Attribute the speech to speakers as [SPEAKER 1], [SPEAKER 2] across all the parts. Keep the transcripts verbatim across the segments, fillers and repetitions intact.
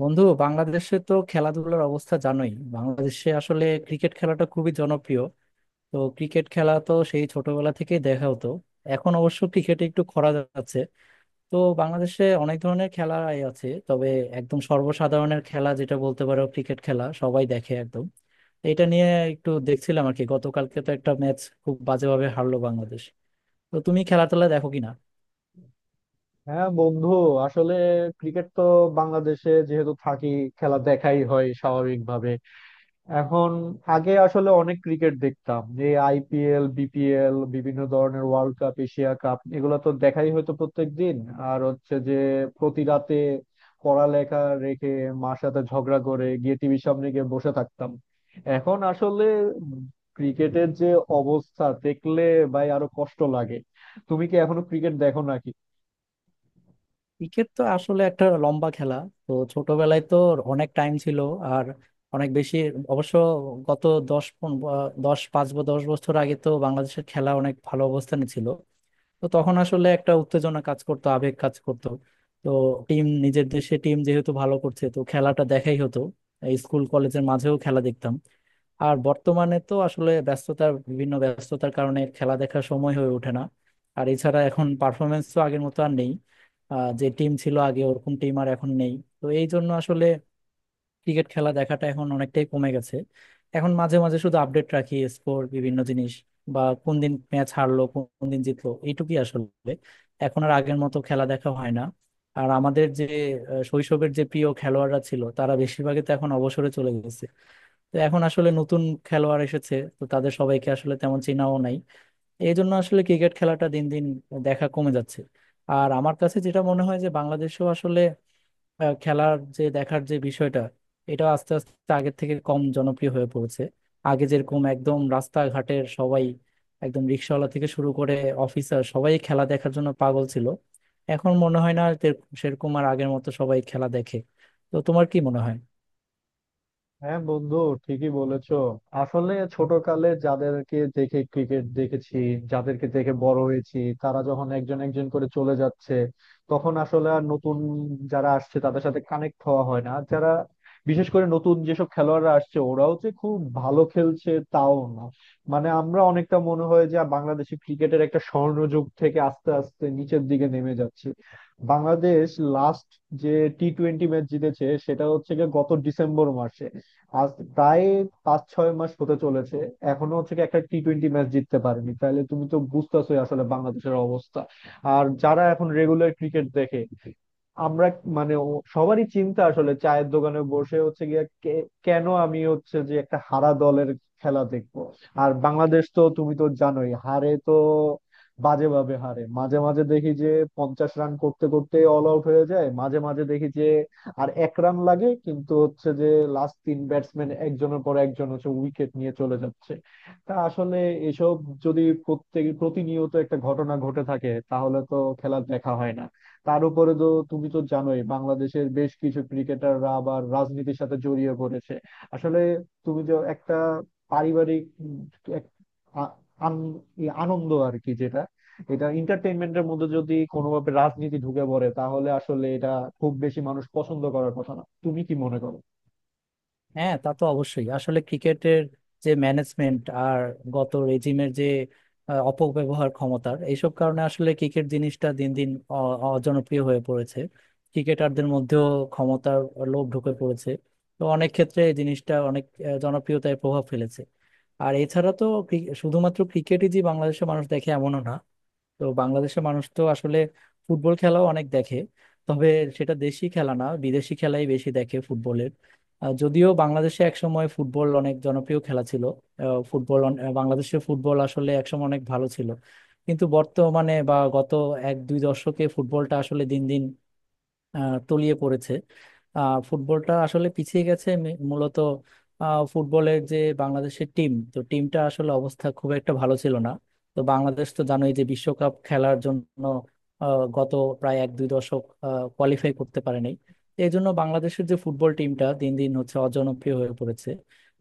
[SPEAKER 1] বন্ধু, বাংলাদেশে তো খেলাধুলার অবস্থা জানোই। বাংলাদেশে আসলে ক্রিকেট খেলাটা খুবই জনপ্রিয়। তো ক্রিকেট খেলা তো সেই ছোটবেলা থেকেই দেখা হতো। এখন অবশ্য ক্রিকেটে একটু খরা যাচ্ছে। তো বাংলাদেশে অনেক ধরনের খেলা আছে, তবে একদম সর্বসাধারণের খেলা যেটা বলতে পারো, ক্রিকেট খেলা সবাই দেখে একদম। তো এটা নিয়ে একটু দেখছিলাম আর কি, গতকালকে তো একটা ম্যাচ খুব বাজেভাবে হারলো বাংলাদেশ। তো তুমি খেলা টেলা দেখো কিনা?
[SPEAKER 2] হ্যাঁ বন্ধু, আসলে ক্রিকেট তো বাংলাদেশে যেহেতু থাকি, খেলা দেখাই হয় স্বাভাবিকভাবে। এখন, আগে আসলে অনেক ক্রিকেট দেখতাম। এই আইপিএল, বিপিএল, বিভিন্ন ধরনের ওয়ার্ল্ড কাপ, এশিয়া কাপ, এগুলো তো দেখাই হয়তো প্রত্যেক দিন। আর হচ্ছে যে প্রতি রাতে পড়ালেখা রেখে মার সাথে ঝগড়া করে গিয়ে টিভির সামনে গিয়ে বসে থাকতাম। এখন আসলে ক্রিকেটের যে অবস্থা দেখলে ভাই আরো কষ্ট লাগে। তুমি কি এখনো ক্রিকেট দেখো নাকি?
[SPEAKER 1] ক্রিকেট তো আসলে একটা লম্বা খেলা। তো ছোটবেলায় তো অনেক টাইম ছিল, আর অনেক বেশি অবশ্য। গত দশ পন- আহ, দশ পাঁচ বা দশ বছর আগে তো বাংলাদেশের খেলা অনেক ভালো অবস্থানে ছিল। তো তখন আসলে একটা উত্তেজনা কাজ করতো, আবেগ কাজ করতো। তো টিম, নিজের দেশে টিম যেহেতু ভালো করছে, তো খেলাটা দেখাই হতো। এই স্কুল কলেজের মাঝেও খেলা দেখতাম। আর বর্তমানে তো আসলে ব্যস্ততার বিভিন্ন ব্যস্ততার কারণে খেলা দেখার সময় হয়ে ওঠে না। আর এছাড়া এখন পারফরমেন্স তো আগের মতো আর নেই। আহ, যে টিম ছিল আগে, ওরকম টিম আর এখন নেই। তো এই জন্য আসলে ক্রিকেট খেলা দেখাটা এখন অনেকটাই কমে গেছে। এখন মাঝে মাঝে শুধু আপডেট রাখি, স্কোর বিভিন্ন জিনিস, বা কোন দিন ম্যাচ হারলো কোন দিন জিতলো, এইটুকুই আসলে। এখন আর আগের মতো খেলা দেখা হয় না। আর আমাদের যে আহ, শৈশবের যে প্রিয় খেলোয়াড়রা ছিল, তারা বেশিরভাগই তো এখন অবসরে চলে গেছে। তো এখন আসলে নতুন খেলোয়াড় এসেছে, তো তাদের সবাইকে আসলে তেমন চেনাও নাই। এই জন্য আসলে ক্রিকেট খেলাটা দিন দিন দেখা কমে যাচ্ছে। আর আমার কাছে যেটা মনে হয় যে বাংলাদেশেও আসলে আহ, খেলার যে, দেখার যে বিষয়টা, এটা আস্তে আস্তে আগের থেকে কম জনপ্রিয় হয়ে পড়েছে। আগে যেরকম একদম রাস্তাঘাটের সবাই, একদম রিক্সাওয়ালা থেকে শুরু করে অফিসার, সবাই খেলা দেখার জন্য পাগল ছিল। এখন মনে হয় না আর তে- সেরকম আর আগের মতো সবাই খেলা দেখে। তো তোমার কি মনে হয়?
[SPEAKER 2] হ্যাঁ বন্ধু, ঠিকই বলেছো। আসলে ছোটকালে যাদেরকে দেখে ক্রিকেট দেখেছি, যাদেরকে দেখে বড় হয়েছি, তারা যখন একজন একজন করে চলে যাচ্ছে, তখন আসলে আর নতুন যারা আসছে তাদের সাথে কানেক্ট হওয়া হয় না। যারা, বিশেষ করে নতুন যেসব খেলোয়াড়রা আসছে, ওরাও যে খুব ভালো খেলছে তাও না। মানে আমরা অনেকটা মনে হয় যে বাংলাদেশি ক্রিকেটের একটা স্বর্ণযুগ থেকে আস্তে আস্তে নিচের দিকে নেমে যাচ্ছে। বাংলাদেশ লাস্ট যে টি টোয়েন্টি ম্যাচ জিতেছে সেটা হচ্ছে গিয়ে গত ডিসেম্বর মাসে। আজ প্রায় পাঁচ ছয় মাস হতে চলেছে। এখনো হচ্ছে কি একটা টি টোয়েন্টি ম্যাচ জিততে পারেনি, তাহলে তুমি তো বুঝতেছোই আসলে বাংলাদেশের অবস্থা। আর যারা এখন রেগুলার ক্রিকেট দেখে, আমরা মানে ও- সবারই চিন্তা আসলে চায়ের দোকানে বসে হচ্ছে গিয়ে কে- কেন আমি হচ্ছে যে একটা হারা দলের খেলা দেখবো। আর বাংলাদেশ তো তুমি তো জানোই হারে তো, বাজেভাবে হারে। মাঝে মাঝে দেখি যে পঞ্চাশ রান করতে করতে অল আউট হয়ে যায়, মাঝে মাঝে দেখি যে আর এক রান লাগে কিন্তু হচ্ছে যে লাস্ট তিন ব্যাটসম্যান একজনের পর একজন হচ্ছে উইকেট নিয়ে চলে যাচ্ছে। তা আসলে এসব যদি প্রত্যেক প্রতিনিয়ত একটা ঘটনা ঘটে থাকে তাহলে তো খেলা দেখা হয় না। তার উপরে তো তুমি তো জানোই বাংলাদেশের বেশ কিছু ক্রিকেটাররা আবার রাজনীতির সাথে জড়িয়ে পড়েছে। আসলে তুমি যে একটা পারিবারিক উম, এক আ- আন- ই- আনন্দ আর কি, যেটা এটা এন্টারটেইনমেন্টের মধ্যে যদি কোনোভাবে রাজনীতি ঢুকে পড়ে তাহলে আসলে এটা খুব বেশি মানুষ পছন্দ করার কথা না। তুমি কি মনে করো?
[SPEAKER 1] হ্যাঁ, তা তো অবশ্যই। আসলে ক্রিকেটের যে ম্যানেজমেন্ট আর গত রেজিমের যে আহ, অপব্যবহার ক্ষমতার, এইসব কারণে আসলে ক্রিকেট জিনিসটা দিন দিন অ- অজনপ্রিয় হয়ে পড়েছে। ক্রিকেটারদের মধ্যেও ক্ষমতার লোভ ঢুকে পড়েছে। তো অনেক ক্ষেত্রে এই জিনিসটা অনেক আহ, জনপ্রিয়তায় প্রভাব ফেলেছে। আর এছাড়া তো ক্রি- শুধুমাত্র ক্রিকেটই যে বাংলাদেশের মানুষ দেখে, এমনও না। তো বাংলাদেশের মানুষ তো আসলে ফুটবল খেলাও অনেক দেখে, তবে সেটা দেশি খেলা না, বিদেশি খেলাই বেশি দেখে ফুটবলের। আহ, যদিও বাংলাদেশে একসময় ফুটবল অনেক জনপ্রিয় খেলা ছিল। আহ, ফুটবল অন- আহ, বাংলাদেশের ফুটবল আসলে একসময় অনেক ভালো ছিল। কিন্তু বর্তমানে বা গত এক দুই দশকে ফুটবলটা আসলে দিন দিন আহ, তলিয়ে পড়েছে। আহ, ফুটবলটা আসলে পিছিয়ে গেছে মে- মূলত আহ, ফুটবলের যে বাংলাদেশের টিম, তো টিমটা আসলে অবস্থা খুব একটা ভালো ছিল না। তো বাংলাদেশ তো জানোই যে বিশ্বকাপ খেলার জন্য আহ, গত প্রায় এক দুই দশক কোয়ালিফাই করতে পারেনি। তো এই জন্য বাংলাদেশের যে ফুটবল টিমটা দিন দিন হচ্ছে অজনপ্রিয় হয়ে পড়েছে।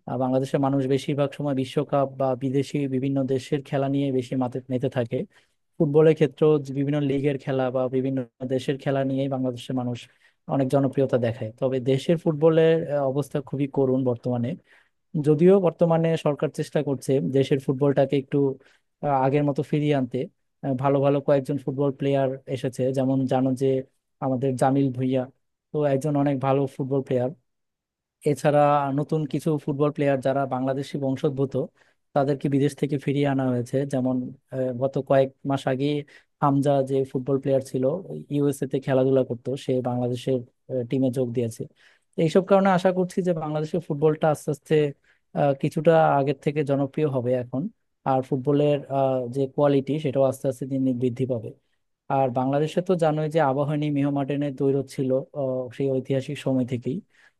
[SPEAKER 1] আহ, বাংলাদেশের মানুষ বেশিরভাগ সময় বিশ্বকাপ বা বিদেশি বিভিন্ন দেশের খেলা নিয়ে বেশি মাতে মেতে থাকে। ফুটবলের ক্ষেত্রেও যে বিভিন্ন লিগের খেলা বা বিভিন্ন দেশের খেলা নিয়েই বাংলাদেশের মানুষ অনেক জনপ্রিয়তা দেখায়, তবে দেশের ফুটবলের আহ, অবস্থা খুবই করুণ বর্তমানে। যদিও বর্তমানে সরকার চেষ্টা করছে দেশের ফুটবলটাকে একটু আহ, আগের মতো ফিরিয়ে আনতে। আহ, ভালো ভালো কয়েকজন ফুটবল প্লেয়ার এসেছে। যেমন জানো যে আমাদের জামিল ভুঁইয়া তো একজন অনেক ভালো ফুটবল প্লেয়ার। এছাড়া নতুন কিছু ফুটবল প্লেয়ার যারা বাংলাদেশি বংশোদ্ভূত, তাদেরকে বিদেশ থেকে ফিরিয়ে আনা হয়েছে। যেমন আহ, গত কয়েক মাস আগে হামজা যে ফুটবল প্লেয়ার ছিল, ইউএসএ তে খেলাধুলা করতো, সে বাংলাদেশের টিমে যোগ দিয়েছে। তো এইসব কারণে আশা করছি যে বাংলাদেশের ফুটবলটা আস্তে আস্তে আহ, কিছুটা আগের থেকে জনপ্রিয় হবে এখন। আর ফুটবলের আহ, যে কোয়ালিটি সেটাও আস্তে আস্তে দিন দিন বৃদ্ধি পাবে। আর বাংলাদেশে তো জানোই যে আবাহনী মোহামেডানের দ্বৈরথ ছিল আহ, সেই ঐতিহাসিক সময় থেকেই।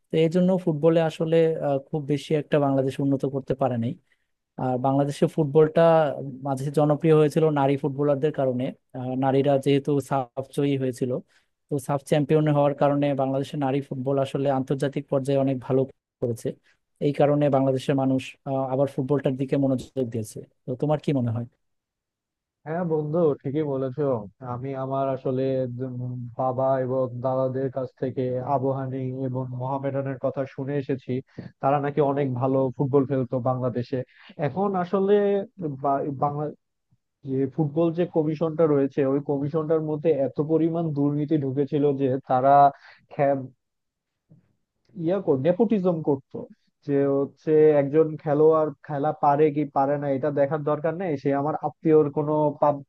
[SPEAKER 1] তো এই জন্য ফুটবলে আসলে আহ, খুব বেশি একটা বাংলাদেশ উন্নত করতে পারে নাই। আর বাংলাদেশে ফুটবলটা মাঝে জনপ্রিয় হয়েছিল নারী ফুটবলারদের কারণে। আহ, নারীরা যেহেতু সাফ জয়ী হয়েছিল, তো সাফ চ্যাম্পিয়ন হওয়ার কারণে বাংলাদেশের নারী ফুটবল আসলে আন্তর্জাতিক পর্যায়ে অনেক ভালো করেছে। এই কারণে বাংলাদেশের মানুষ আহ, আবার ফুটবলটার দিকে মনোযোগ দিয়েছে। তো তোমার কি মনে হয়?
[SPEAKER 2] হ্যাঁ বন্ধু, ঠিকই বলেছো। আমি আমার আসলে উম বাবা এবং দাদাদের কাছ থেকে আবু হানি এবং মোহামেডানের কথা শুনে এসেছি। তারা নাকি অনেক ভালো ফুটবল খেলতো বাংলাদেশে। এখন আসলে বা- বাংলা যে ফুটবল যে কমিশনটা রয়েছে, ওই কমিশনটার মধ্যে এত পরিমাণ দুর্নীতি ঢুকেছিল যে তারা ইয়া কর নেপোটিজম করতো। যে হচ্ছে একজন খেলোয়াড় খেলা পারে কি পারে না এটা দেখার দরকার নেই, সে আমার আত্মীয়র কোনো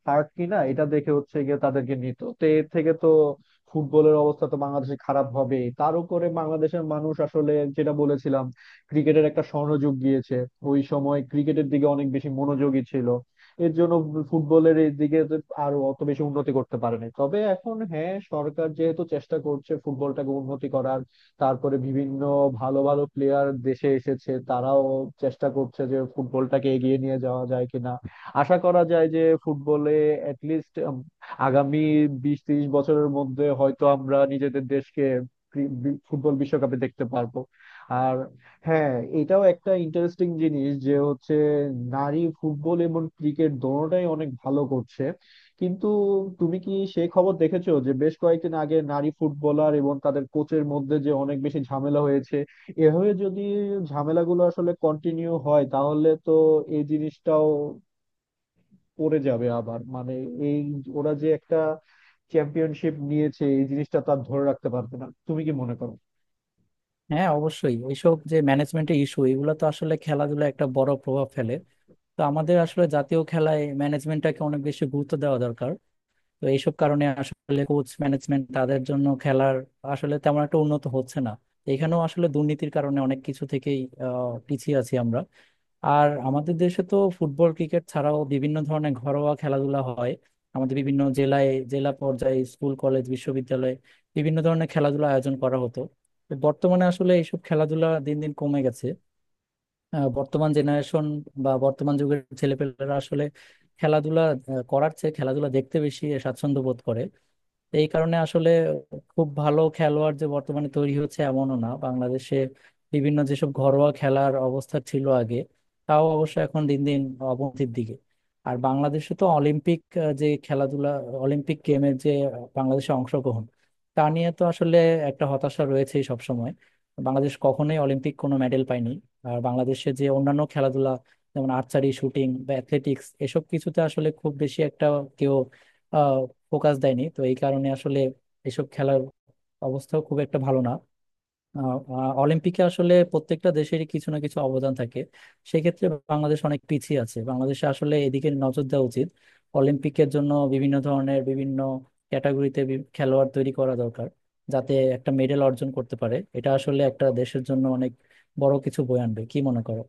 [SPEAKER 2] পার্ট কিনা এটা দেখে হচ্ছে গিয়ে তাদেরকে নিত। তো এর থেকে তো ফুটবলের অবস্থা তো বাংলাদেশে খারাপ হবে। তার উপরে বাংলাদেশের মানুষ আসলে, যেটা বলেছিলাম, ক্রিকেটের একটা স্বর্ণযুগ গিয়েছে, ওই সময় ক্রিকেটের দিকে অনেক বেশি মনোযোগী ছিল, এর জন্য ফুটবলের এই দিকে তো আরো অত বেশি উন্নতি করতে পারেনি। তবে এখন হ্যাঁ সরকার যেহেতু চেষ্টা করছে ফুটবলটাকে উন্নতি করার, তারপরে বিভিন্ন ভালো ভালো প্লেয়ার দেশে এসেছে, তারাও চেষ্টা করছে যে ফুটবলটাকে এগিয়ে নিয়ে যাওয়া যায় কিনা। আশা করা যায় যে ফুটবলে অ্যাটলিস্ট আগামী বিশ তিরিশ বছরের মধ্যে হয়তো আমরা নিজেদের দেশকে ক্রি- বি- ফুটবল বিশ্বকাপে দেখতে পারবো। আর হ্যাঁ, এটাও একটা ইন্টারেস্টিং জিনিস যে হচ্ছে নারী ফুটবল এবং ক্রিকেট দোনোটাই অনেক ভালো করছে, কিন্তু তুমি কি সেই খবর দেখেছো যে বেশ কয়েকদিন আগে নারী ফুটবলার এবং তাদের কোচের মধ্যে যে অনেক বেশি ঝামেলা হয়েছে? এভাবে যদি ঝামেলাগুলো আসলে কন্টিনিউ হয় তাহলে তো এই জিনিসটাও পড়ে যাবে আবার। মানে এই, ওরা যে একটা চ্যাম্পিয়নশিপ নিয়েছে এই জিনিসটা তার ধরে রাখতে পারবে না। তুমি কি মনে করো?
[SPEAKER 1] হ্যাঁ, অবশ্যই। এইসব যে ম্যানেজমেন্টের ইস্যু, এগুলো তো আসলে খেলাধুলা একটা বড় প্রভাব ফেলে। তো আমাদের আসলে জাতীয় খেলায় ম্যানেজমেন্টটাকে অনেক বেশি গুরুত্ব দেওয়া দরকার। তো এইসব কারণে আসলে কোচ ম্যানেজমেন্ট তাদের জন্য খেলার আসলে তেমন একটা উন্নত হচ্ছে না। এখানেও আসলে দুর্নীতির কারণে অনেক কিছু থেকেই আহ, পিছিয়ে আছি আমরা। আর আমাদের দেশে তো ফুটবল ক্রিকেট ছাড়াও বিভিন্ন ধরনের ঘরোয়া খেলাধুলা হয়। আমাদের বিভিন্ন জেলায়, জেলা পর্যায়ে স্কুল কলেজ বিশ্ববিদ্যালয়ে বিভিন্ন ধরনের খেলাধুলা আয়োজন করা হতো। তো বর্তমানে আসলে এইসব খেলাধুলা দিন দিন কমে গেছে। আহ, বর্তমান জেনারেশন বা বর্তমান যুগের ছেলেপেলেরা আসলে খেলাধুলা আহ, করার চেয়ে খেলাধুলা দেখতে বেশি স্বাচ্ছন্দ্য বোধ করে। এই কারণে আসলে খুব ভালো খেলোয়াড় যে বর্তমানে তৈরি হচ্ছে, এমনও না বাংলাদেশে। বিভিন্ন যেসব ঘরোয়া খেলার অবস্থা ছিল আগে, তাও অবশ্য এখন দিন দিন অবনতির দিকে। আর বাংলাদেশে তো অলিম্পিক, আহ, যে খেলাধুলা অলিম্পিক গেমের, যে বাংলাদেশে অংশগ্রহণ, তা নিয়ে তো আসলে একটা হতাশা রয়েছেই সব সময়। বাংলাদেশ কখনোই অলিম্পিক কোনো মেডেল পায়নি। আর বাংলাদেশে যে অন্যান্য খেলাধুলা, যেমন আর্চারি, শুটিং বা অ্যাথলেটিক্স, এসব কিছুতে আসলে খুব বেশি একটা কেউ ফোকাস দেয়নি। তো এই কারণে আসলে এসব খেলার অবস্থাও খুব একটা ভালো না। আহ, আহ, অলিম্পিকে আসলে প্রত্যেকটা দেশেরই কিছু না কিছু অবদান থাকে। সেক্ষেত্রে বাংলাদেশ অনেক পিছিয়ে আছে। বাংলাদেশে আসলে এদিকে নজর দেওয়া উচিত। অলিম্পিকের জন্য বিভিন্ন ধরনের, বিভিন্ন ক্যাটাগরিতে বি- খেলোয়াড় তৈরি করা দরকার, যাতে একটা মেডেল অর্জন করতে পারে। এটা আসলে একটা দেশের জন্য অনেক বড় কিছু বয়ে আনবে। কি মনে করো?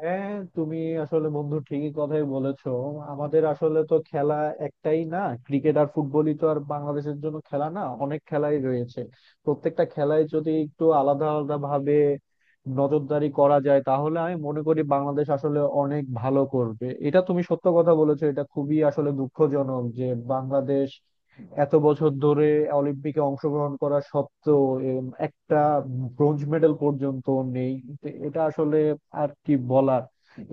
[SPEAKER 2] হ্যাঁ, তুমি আসলে বন্ধু ঠিকই কথাই বলেছো। আমাদের আসলে তো খেলা একটাই না, ক্রিকেট আর ফুটবলই তো আর বাংলাদেশের জন্য খেলা না, অনেক খেলাই রয়েছে। প্রত্যেকটা খেলায় যদি একটু আলাদা আলাদা ভাবে নজরদারি করা যায় তাহলে আমি মনে করি বাংলাদেশ আসলে অনেক ভালো করবে। এটা তুমি সত্য কথা বলেছো। এটা খুবই আসলে দুঃখজনক যে বাংলাদেশ এত বছর ধরে অলিম্পিকে অংশগ্রহণ করা সত্ত্বেও এরম একটা ব্রোঞ্জ মেডেল পর্যন্ত নেই। তো এটা আসলে আর কি বলার।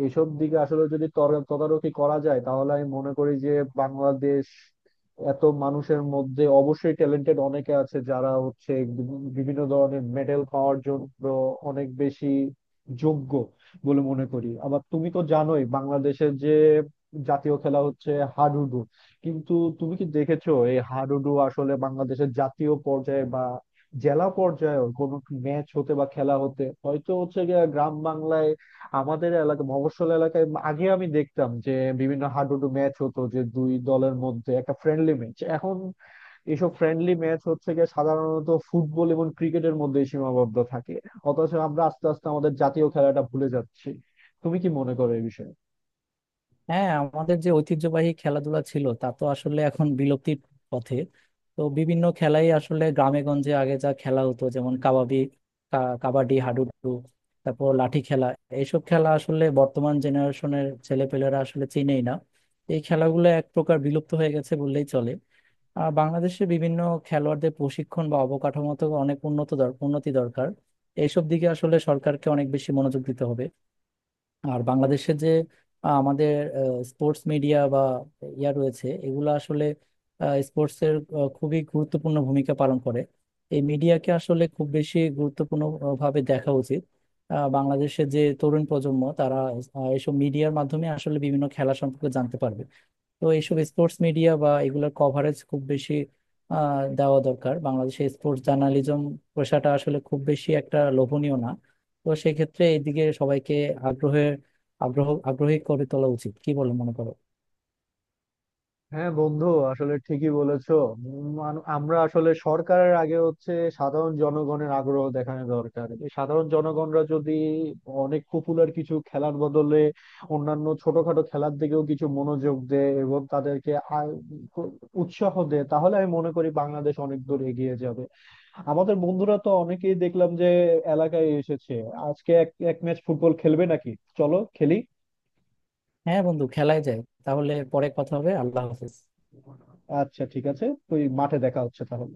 [SPEAKER 2] এসব দিকে আসলে যদি তর- তদারকি করা যায় তাহলে আমি মনে করি যে বাংলাদেশ এত মানুষের মধ্যে অবশ্যই ট্যালেন্টেড অনেকে আছে, যারা হচ্ছে বিভি- বিভিন্ন ধরনের মেডেল পাওয়ার জন্য অনেক বেশি যোগ্য বলে মনে করি। আবার তুমি তো জানোই বাংলাদেশের যে জাতীয় খেলা হচ্ছে হাডুডু, কিন্তু তুমি কি দেখেছো এই হাডুডু আসলে বাংলাদেশের জাতীয় পর্যায়ে বা জেলা পর্যায়ে কোনো ম্যাচ হতে বা খেলা হতে হয়তো হচ্ছে গিয়ে গ্রাম বাংলায়? আমাদের এলাকা, মফস্বল এলাকায় আগে আমি দেখতাম যে বিভিন্ন হাডুডু ম্যাচ হতো, যে দুই দলের মধ্যে একটা ফ্রেন্ডলি ম্যাচ। এখন এসব ফ্রেন্ডলি ম্যাচ হচ্ছে গিয়ে সাধারণত ফুটবল এবং ক্রিকেটের মধ্যে সীমাবদ্ধ থাকে। অথচ আমরা আস্তে আস্তে আমাদের জাতীয় খেলাটা ভুলে যাচ্ছি। তুমি কি মনে করো এই বিষয়ে?
[SPEAKER 1] হ্যাঁ, আমাদের যে ঐতিহ্যবাহী খেলাধুলা ছিল, তা তো আসলে এখন বিলুপ্তির পথে। তো বিভিন্ন খেলাই আসলে গ্রামে গঞ্জে আগে যা খেলা হতো, যেমন কাবাডি, কা- কাবাডি, হাডুডু, তারপর লাঠি খেলা, এইসব খেলা আসলে বর্তমান জেনারেশনের ছেলেপেলেরা আসলে চেনেই না। এই খেলাগুলো এক প্রকার বিলুপ্ত হয়ে গেছে বললেই চলে। আর বাংলাদেশে বিভিন্ন খেলোয়াড়দের প্রশিক্ষণ বা অবকাঠামোতে অনেক উন্নত দর- উন্নতি দরকার। এইসব দিকে আসলে সরকারকে অনেক বেশি মনোযোগ দিতে হবে। আর বাংলাদেশে যে আহ, আমাদের স্পোর্টস মিডিয়া বা ইয়া রয়েছে, এগুলো আসলে স্পোর্টস এর আহ, খুবই গুরুত্বপূর্ণ ভূমিকা পালন করে। এই মিডিয়াকে আসলে খুব বেশি গুরুত্বপূর্ণ আহ, ভাবে দেখা উচিত। আহ, বাংলাদেশে যে তরুণ প্রজন্ম, তারা আহ, এসব মিডিয়ার মাধ্যমে আসলে বিভিন্ন খেলা সম্পর্কে জানতে পারবে। তো এইসব স্পোর্টস মিডিয়া বা এগুলোর কভারেজ খুব বেশি আহ, দেওয়া দরকার। বাংলাদেশে স্পোর্টস জার্নালিজম পেশাটা আসলে খুব বেশি একটা লোভনীয় না। তো সেক্ষেত্রে এইদিকে সবাইকে আগ্রহে আগ্রহ আগ্রহী করে তোলা উচিত। কি বলে মনে করো?
[SPEAKER 2] হ্যাঁ বন্ধু, আসলে ঠিকই বলেছো। মানু- আমরা আসলে সরকারের আগে হচ্ছে সাধারণ জনগণের আগ্রহ দেখানো দরকার। এই সাধারণ জনগণরা যদি অনেক পপুলার কিছু খেলার বদলে অন্যান্য ছোটখাটো খেলার দিকেও কিছু মনোযোগ দেয় এবং তাদেরকে আ- উৎসাহ দেয় তাহলে আমি মনে করি বাংলাদেশ অনেক দূর এগিয়ে যাবে। আমাদের বন্ধুরা তো অনেকেই দেখলাম যে এলাকায় এসেছে আজকে, এক এক ম্যাচ ফুটবল খেলবে নাকি, চলো খেলি।
[SPEAKER 1] হ্যাঁ বন্ধু, খেলায় যায়। তাহলে পরে কথা হবে, আল্লাহ হাফেজ।
[SPEAKER 2] আচ্ছা ঠিক আছে, তুই মাঠে দেখা হচ্ছে তাহলে।